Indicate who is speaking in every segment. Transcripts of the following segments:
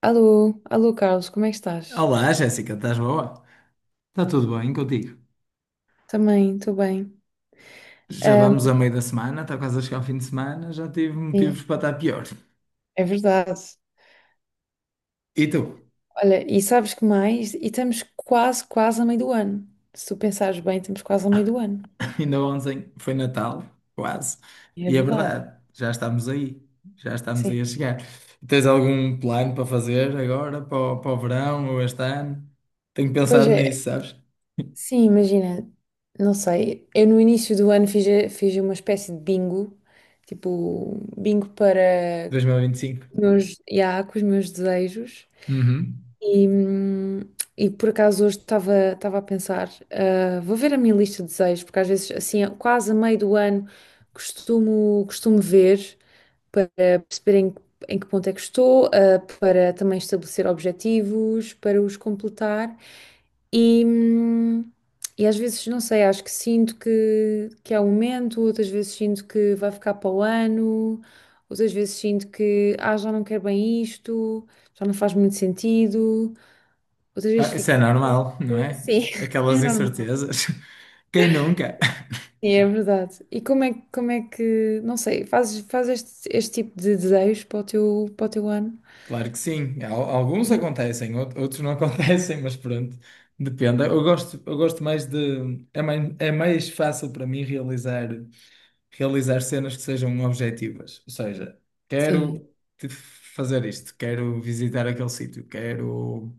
Speaker 1: Alô, alô Carlos, como é que estás?
Speaker 2: Olá, Jéssica, estás boa? Está tudo bem contigo?
Speaker 1: Também, estou bem.
Speaker 2: Já vamos
Speaker 1: Ahm,
Speaker 2: a meio da semana, está quase a chegar ao fim de semana, já tive motivos
Speaker 1: sim,
Speaker 2: para estar pior.
Speaker 1: é verdade.
Speaker 2: E tu?
Speaker 1: Olha, e sabes que mais? E estamos quase, quase a meio do ano. Se tu pensares bem, estamos quase a meio do ano.
Speaker 2: Ainda ontem foi Natal, quase.
Speaker 1: É
Speaker 2: É
Speaker 1: verdade,
Speaker 2: verdade, já estamos aí, a
Speaker 1: sim.
Speaker 2: chegar. Tens algum plano para fazer agora, para o verão ou este ano? Tenho
Speaker 1: Pois
Speaker 2: pensado
Speaker 1: é,
Speaker 2: nisso, sabes?
Speaker 1: sim, imagina, não sei, eu no início do ano fiz uma espécie de bingo, tipo, bingo
Speaker 2: 2025.
Speaker 1: yeah, com os meus desejos.
Speaker 2: Uhum.
Speaker 1: E, hum, e por acaso hoje estava a pensar, ah, vou ver a minha lista de desejos, porque às vezes, assim, quase a meio do ano, costumo ver para perceber em que ponto é que estou, ah, para também estabelecer objetivos, para os completar. E, hum, e às vezes, não sei, acho que sinto que é o momento, outras vezes sinto que vai ficar para o ano, outras vezes sinto que, ah, já não quero bem isto, já não faz muito sentido. Outras vezes
Speaker 2: Isso
Speaker 1: fico.
Speaker 2: é normal, não é?
Speaker 1: Sim. É
Speaker 2: Aquelas
Speaker 1: normal.
Speaker 2: incertezas. Quem nunca?
Speaker 1: Sim, é verdade. E como é que, não sei, fazes este tipo de desejos para o teu ano?
Speaker 2: Claro que sim. Alguns acontecem, outros não acontecem, mas pronto, depende. Eu gosto mais de. É mais fácil para mim realizar, realizar cenas que sejam objetivas. Ou seja,
Speaker 1: Sim,
Speaker 2: quero fazer isto, quero visitar aquele sítio, quero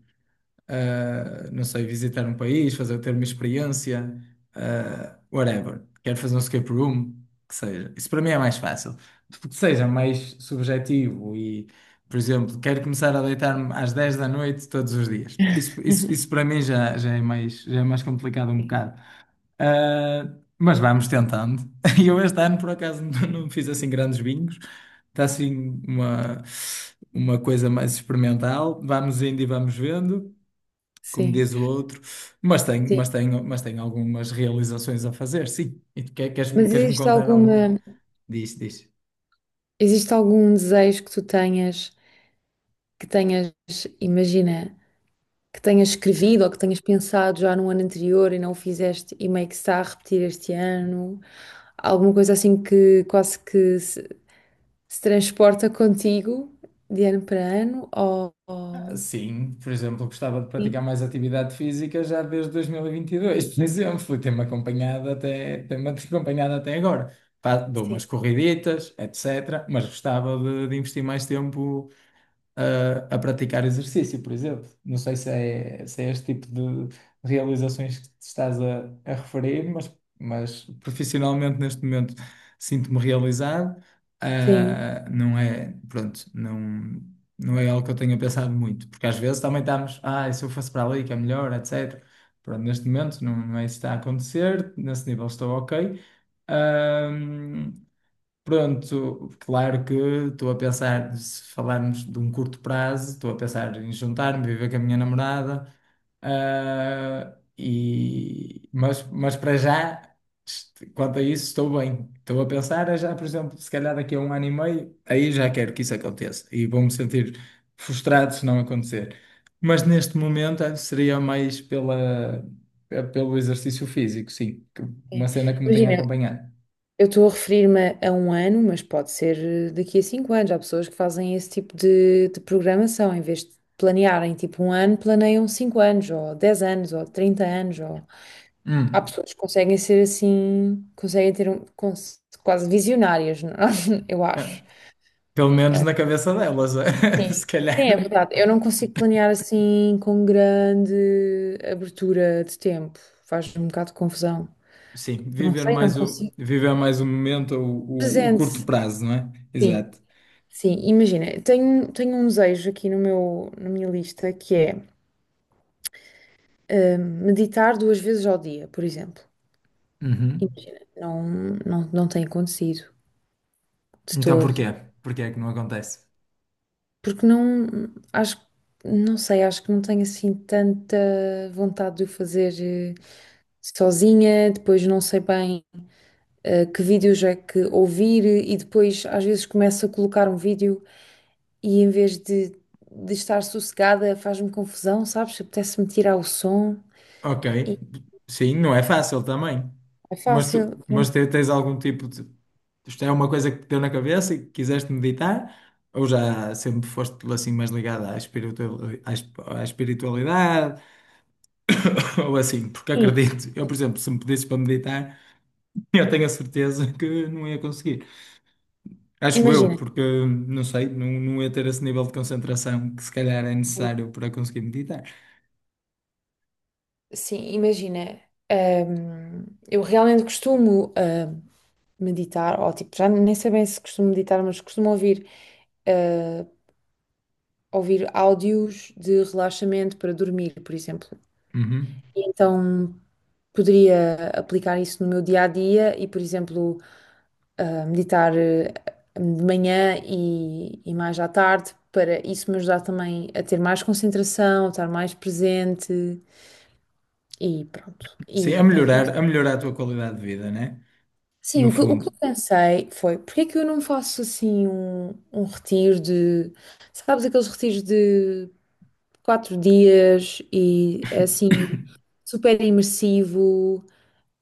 Speaker 2: não sei, visitar um país, fazer, ter uma experiência, whatever. Quero fazer um escape room, que seja. Isso para mim é mais fácil. Tipo, que seja mais subjetivo e, por exemplo, quero começar a deitar-me às 22h todos os dias. Isso para mim já é já é mais complicado um bocado. Ah, mas vamos tentando. E eu este ano, por acaso, não fiz assim grandes bingos. Está assim uma coisa mais experimental. Vamos indo e vamos vendo como
Speaker 1: sim,
Speaker 2: diz o outro, mas tenho,
Speaker 1: sim.
Speaker 2: mas tenho, mas tenho algumas realizações a fazer, sim. E tu
Speaker 1: Mas
Speaker 2: queres-me
Speaker 1: existe
Speaker 2: contar alguma?
Speaker 1: alguma,
Speaker 2: Diz, diz.
Speaker 1: existe algum desejo que tu tenhas, que tenhas, imagina, que tenhas escrevido ou que tenhas pensado já no ano anterior e não o fizeste e meio que se está a repetir este ano? Alguma coisa assim que quase que se transporta contigo de ano para ano? Ou, ou...
Speaker 2: Sim, por exemplo, gostava de praticar
Speaker 1: Sim,
Speaker 2: mais atividade física já desde 2022, por exemplo, e tem-me acompanhado até agora. Dou
Speaker 1: sim,
Speaker 2: umas corriditas, etc., mas gostava de investir mais tempo a praticar exercício, por exemplo. Não sei se é este tipo de realizações que te estás a referir, mas profissionalmente neste momento sinto-me realizado.
Speaker 1: sim.
Speaker 2: Não é, pronto, não é algo que eu tenha pensado muito, porque às vezes também estamos, ah, e se eu fosse para ali que é melhor, etc. Pronto, neste momento não é isso que está a acontecer, nesse nível estou ok. Ahm, Pronto, claro que estou a pensar, se falarmos de um curto prazo, estou a pensar em juntar-me, viver com a minha namorada, ah, e, mas para já, quanto a isso, estou bem. Estou a pensar é já, por exemplo, se calhar daqui a 1 ano e meio, aí já quero que isso aconteça e vou-me sentir frustrado se não acontecer. Mas neste momento seria mais pelo exercício físico, sim, uma
Speaker 1: Sim.
Speaker 2: cena que me tenha
Speaker 1: Imagina,
Speaker 2: acompanhado.
Speaker 1: eu estou a referir-me a um ano, mas pode ser daqui a 5 anos. Há pessoas que fazem esse tipo de programação, em vez de planearem tipo um ano, planeiam 5 anos, ou 10 anos, ou 30 anos. Ou. Há
Speaker 2: Hum.
Speaker 1: pessoas que conseguem ser assim, conseguem quase visionárias, não? Eu
Speaker 2: Ah.
Speaker 1: acho.
Speaker 2: Pelo menos
Speaker 1: Ah,
Speaker 2: na cabeça delas, é?
Speaker 1: sim,
Speaker 2: Se calhar,
Speaker 1: sim, é verdade. Eu não consigo planear assim com grande abertura de tempo. Faz um bocado de confusão.
Speaker 2: sim,
Speaker 1: Não
Speaker 2: viver
Speaker 1: sei, não
Speaker 2: mais
Speaker 1: consigo.
Speaker 2: viver mais o momento, o curto
Speaker 1: Presente,
Speaker 2: prazo, não é?
Speaker 1: sim,
Speaker 2: Exato.
Speaker 1: sim, imagina, tenho um desejo aqui no meu, na minha lista que é meditar 2 vezes ao dia, por exemplo.
Speaker 2: Uhum.
Speaker 1: Imagina, não, não, não tem acontecido de
Speaker 2: Então
Speaker 1: todo,
Speaker 2: porquê? Porquê é que não acontece?
Speaker 1: porque não, acho, não sei, acho que não tenho assim tanta vontade de o fazer sozinha, depois não sei bem que vídeos é que ouvir e depois às vezes começo a colocar um vídeo e em vez de estar sossegada, faz-me confusão, sabes? Apetece-me tirar o som
Speaker 2: Ok,
Speaker 1: e
Speaker 2: sim, não é fácil também,
Speaker 1: é fácil.
Speaker 2: mas tens algum tipo de, isto é uma coisa que te deu na cabeça e que quiseste meditar, ou já sempre foste assim mais ligada à espiritualidade, ou assim, porque
Speaker 1: Sim,
Speaker 2: acredito, eu, por exemplo, se me pedisses para meditar. Eu tenho a certeza que não ia conseguir. Acho eu,
Speaker 1: imagina.
Speaker 2: porque não sei, não ia ter esse nível de concentração que se calhar é necessário para conseguir meditar.
Speaker 1: Sim, imagina. Eu realmente costumo meditar, ou tipo, já nem sei bem se costumo meditar, mas costumo hum, ouvir áudios de relaxamento para dormir, por exemplo.
Speaker 2: Uhum.
Speaker 1: E então poderia aplicar isso no meu dia a dia e, por exemplo, a meditar de manhã e mais à tarde, para isso me ajudar também a ter mais concentração, a estar mais presente e pronto. E
Speaker 2: Sim,
Speaker 1: não tem como.
Speaker 2: a melhorar a tua qualidade de vida, né?
Speaker 1: Sim,
Speaker 2: No
Speaker 1: o que eu
Speaker 2: fundo.
Speaker 1: pensei foi, porque é que eu não faço assim um retiro de, sabes, aqueles retiros de 4 dias e é assim super imersivo,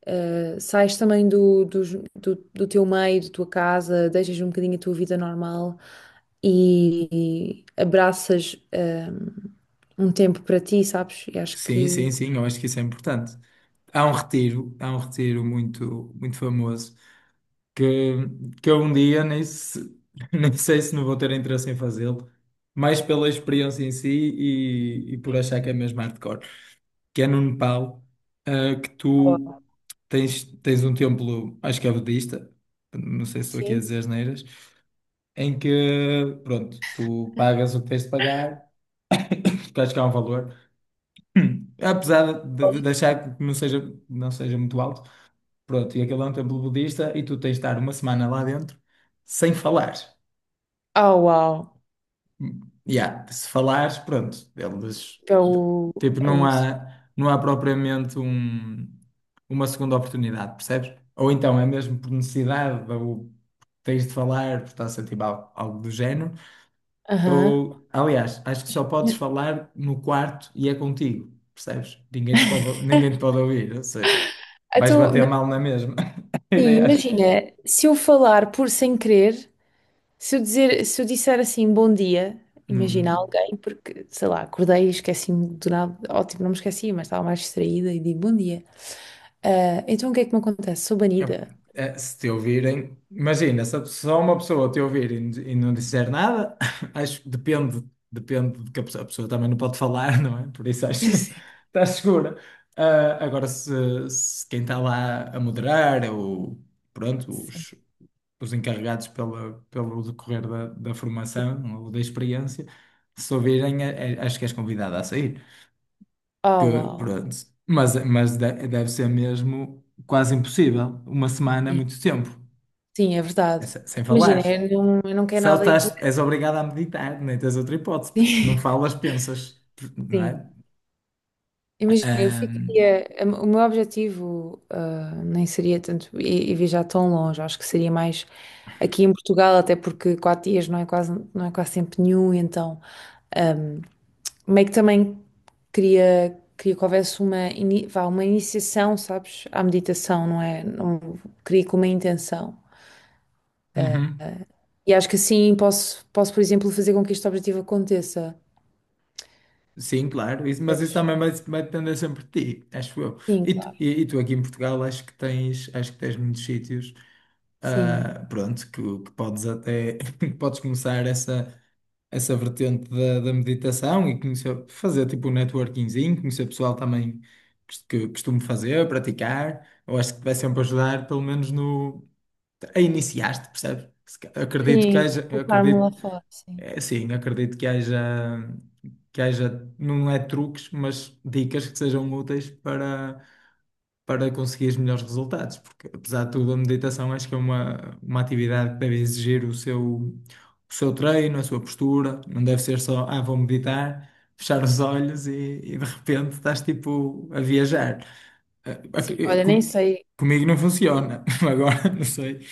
Speaker 1: Sais também do teu meio, da tua casa, deixas um bocadinho a tua vida normal e, abraças um tempo para ti, sabes? E acho que
Speaker 2: Sim, eu acho que isso é importante. Há um retiro muito famoso que, que eu um dia nem, se- nem sei se não vou ter interesse em fazê-lo, mais pela experiência em si e por achar que é mesmo hardcore. Que é no Nepal, que tu tens um templo, acho que é budista, não sei se estou aqui a dizer
Speaker 1: sim.
Speaker 2: asneiras, em que, pronto, tu pagas o que tens de pagar, acho que há um valor, apesar de achar que não seja, não seja muito alto, pronto, e aquele é um templo budista e tu tens de estar uma semana lá dentro sem falar.
Speaker 1: Oh, uau!
Speaker 2: Yeah, se falares, pronto, eles
Speaker 1: É o.
Speaker 2: tipo,
Speaker 1: É o...
Speaker 2: não há propriamente uma segunda oportunidade, percebes? Ou então é mesmo por necessidade, ou tens de falar, por estás a sentir algo, algo do género,
Speaker 1: Aham.
Speaker 2: ou aliás, acho que só podes falar no quarto e é contigo, percebes? Ninguém te pode, ninguém te pode ouvir, ou seja, vais
Speaker 1: Então,
Speaker 2: bater
Speaker 1: mas
Speaker 2: mal na mesma.
Speaker 1: sim,
Speaker 2: Ideias.
Speaker 1: imagina, se eu falar por sem querer, se eu disser assim bom dia, imagina a
Speaker 2: Não.
Speaker 1: alguém, porque sei lá, acordei e esqueci-me do nada, ótimo, não me esqueci, mas estava mais distraída e digo bom dia. Ah, então o que é que me acontece? Sou
Speaker 2: Eu-
Speaker 1: banida.
Speaker 2: Se te ouvirem, imagina, se a pessoa- só uma pessoa te ouvir e não disser nada, acho que depende, depende de que a pessoa também não pode falar, não é? Por isso acho que estás segura. Agora, se quem está lá a moderar ou pronto,
Speaker 1: Sim, sim.
Speaker 2: os encarregados pelo decorrer da formação ou da experiência, se ouvirem, acho que és convidada a sair
Speaker 1: Oh,
Speaker 2: que,
Speaker 1: uau.
Speaker 2: pronto. Mas deve ser mesmo quase impossível. Uma semana é
Speaker 1: Sim,
Speaker 2: muito tempo,
Speaker 1: sim, é
Speaker 2: é
Speaker 1: verdade.
Speaker 2: sem falar.
Speaker 1: Imagina, eu não quero
Speaker 2: Se
Speaker 1: nada ir para.
Speaker 2: estás, és obrigado a meditar, nem tens outra hipótese, porque se não falas, pensas, não é?
Speaker 1: Sim. Imagina, eu
Speaker 2: Ahm,
Speaker 1: ficaria. O meu objetivo, ah, nem seria tanto ir viajar tão longe. Acho que seria mais aqui em Portugal, até porque 4 dias não é quase tempo nenhum. Então, meio que também queria que houvesse vá, uma iniciação, sabes, à meditação, não é? Não, queria com uma intenção.
Speaker 2: uhum.
Speaker 1: E acho que assim posso, por exemplo, fazer com que este objetivo aconteça.
Speaker 2: Sim, claro, isso- mas
Speaker 1: Pois.
Speaker 2: isso também vai depender sempre de ti, acho eu.
Speaker 1: Sim, claro.
Speaker 2: E tu aqui em Portugal acho que tens muitos sítios,
Speaker 1: Sim.
Speaker 2: ah, pronto, que podes até, que podes começar essa. Essa vertente da meditação e conhecer, fazer tipo um networkingzinho, conhecer pessoal também que costumo fazer, praticar. Eu acho que te vai sempre ajudar, pelo menos no, a iniciar-te, percebes? Se ca- Acredito que
Speaker 1: Sim,
Speaker 2: haja, eu
Speaker 1: colocar-me lá
Speaker 2: acredito,
Speaker 1: fora, sim.
Speaker 2: é, sim, acredito que haja, não é truques, mas dicas que sejam úteis para conseguir os melhores resultados, porque apesar de tudo, a meditação acho que é uma atividade que deve exigir o seu treino, a sua postura, não deve ser só, ah, vou meditar, fechar os olhos e de repente estás tipo a viajar. Ah, ok,
Speaker 1: Sim, olha, nem sei,
Speaker 2: comigo não funciona, agora não sei.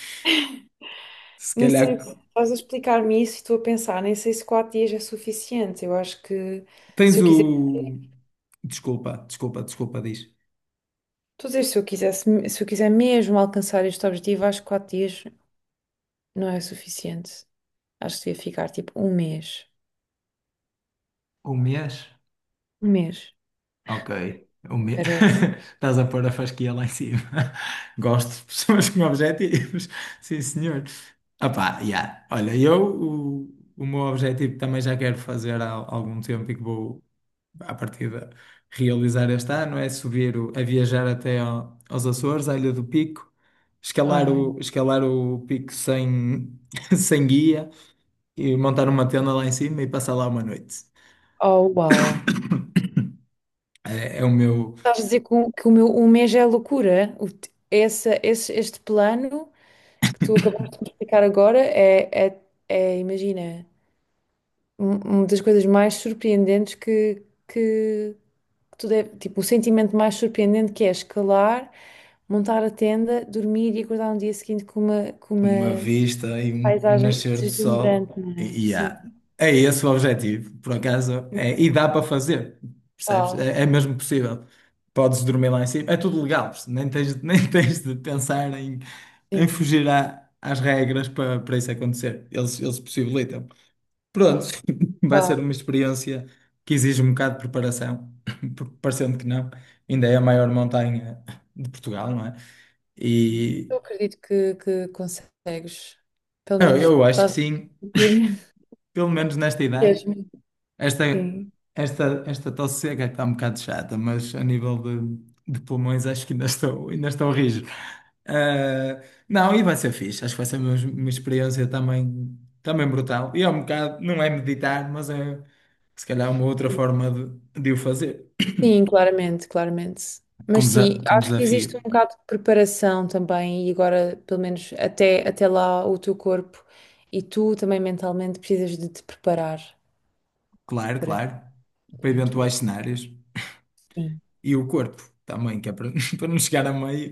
Speaker 2: Se
Speaker 1: nem sei,
Speaker 2: calhar
Speaker 1: se estás a explicar-me isso e estou a pensar, nem sei se 4 dias é suficiente. Eu acho que
Speaker 2: tens
Speaker 1: se eu quiser,
Speaker 2: o. Desculpa, desculpa, desculpa, diz.
Speaker 1: estou a dizer, se eu quiser mesmo alcançar este objetivo, acho que 4 dias não é suficiente. Acho que devia ficar tipo um mês.
Speaker 2: Um mês?
Speaker 1: Um mês.
Speaker 2: Ok. O me...
Speaker 1: Parece.
Speaker 2: Estás a pôr a fasquia lá em cima. Gosto de pessoas com objetivos. Sim, senhor. Opá, yeah. Olha, eu o meu objetivo também já quero fazer há algum tempo e que vou, à partida, realizar este ano é subir, a viajar aos Açores, à Ilha do Pico,
Speaker 1: Ai,
Speaker 2: escalar o pico sem, sem guia e montar uma tenda lá em cima e passar lá uma noite.
Speaker 1: oh, uau.
Speaker 2: É o meu,
Speaker 1: Estás a dizer que o meu um mês é loucura. O te- essa- esse- este plano que tu acabaste de me explicar agora imagina, uma das coisas mais surpreendentes que, que tu deve, tipo, o sentimento mais surpreendente que é escalar, montar a tenda, dormir e acordar no dia seguinte com uma, com
Speaker 2: uma
Speaker 1: uma
Speaker 2: vista e um
Speaker 1: paisagem
Speaker 2: nascer do sol.
Speaker 1: deslumbrante, não é?
Speaker 2: E
Speaker 1: Sim.
Speaker 2: há. É esse o objetivo, por acaso. É, e dá para fazer, percebes?
Speaker 1: Uau,
Speaker 2: É, é mesmo possível. Podes dormir lá em cima, é tudo legal, nem tens, nem tens de pensar em, em
Speaker 1: sim,
Speaker 2: fugir às regras para, para isso acontecer. Eles possibilitam. Pronto, vai ser
Speaker 1: uau.
Speaker 2: uma experiência que exige um bocado de preparação, porque parecendo que não, ainda é a maior montanha de Portugal, não é? E
Speaker 1: Eu acredito que consegues. Pelo menos
Speaker 2: eu acho que
Speaker 1: estás a
Speaker 2: sim.
Speaker 1: conseguir.
Speaker 2: Pelo menos nesta idade,
Speaker 1: Jasmine,
Speaker 2: esta,
Speaker 1: sim,
Speaker 2: esta tosse seca que está um bocado chata, mas a nível de pulmões acho que ainda estou rijo. Ah, não, e vai ser fixe, acho que vai ser uma experiência também brutal. E é um bocado, não é meditar, mas é se calhar uma outra forma de o fazer.
Speaker 1: sim, claramente, claramente.
Speaker 2: Com,
Speaker 1: Mas sim,
Speaker 2: desa- com
Speaker 1: acho que existe um
Speaker 2: desafio,
Speaker 1: bocado de preparação também, e agora, pelo menos até lá, o teu corpo e tu também mentalmente precisas de te preparar
Speaker 2: claro,
Speaker 1: para a
Speaker 2: claro, para
Speaker 1: aventura.
Speaker 2: eventuais cenários.
Speaker 1: Sim.
Speaker 2: E o corpo também, que é para, para não chegar a meio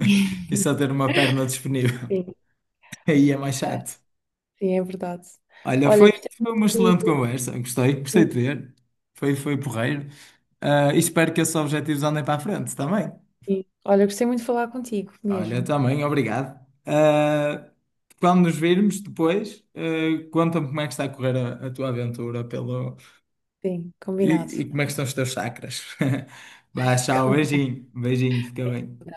Speaker 2: e só ter uma perna disponível.
Speaker 1: Sim,
Speaker 2: Aí é mais chato.
Speaker 1: sim, é verdade.
Speaker 2: Olha,
Speaker 1: Olha,
Speaker 2: foi,
Speaker 1: gostei
Speaker 2: foi uma excelente
Speaker 1: muito,
Speaker 2: conversa. Gostei, gostei
Speaker 1: sim,
Speaker 2: de ver. Foi, foi porreiro. E espero que esses objetivos andem para a frente também.
Speaker 1: sim. Olha, gostei muito de falar contigo
Speaker 2: Olha,
Speaker 1: mesmo.
Speaker 2: também, obrigado. Ah, quando nos virmos depois, ah, conta-me como é que está a correr a tua aventura pelo...
Speaker 1: Sim, combinado.
Speaker 2: E, e como é que estão os teus chakras. Vá, tchau,
Speaker 1: Combinado.
Speaker 2: beijinho, beijinho, fica bem.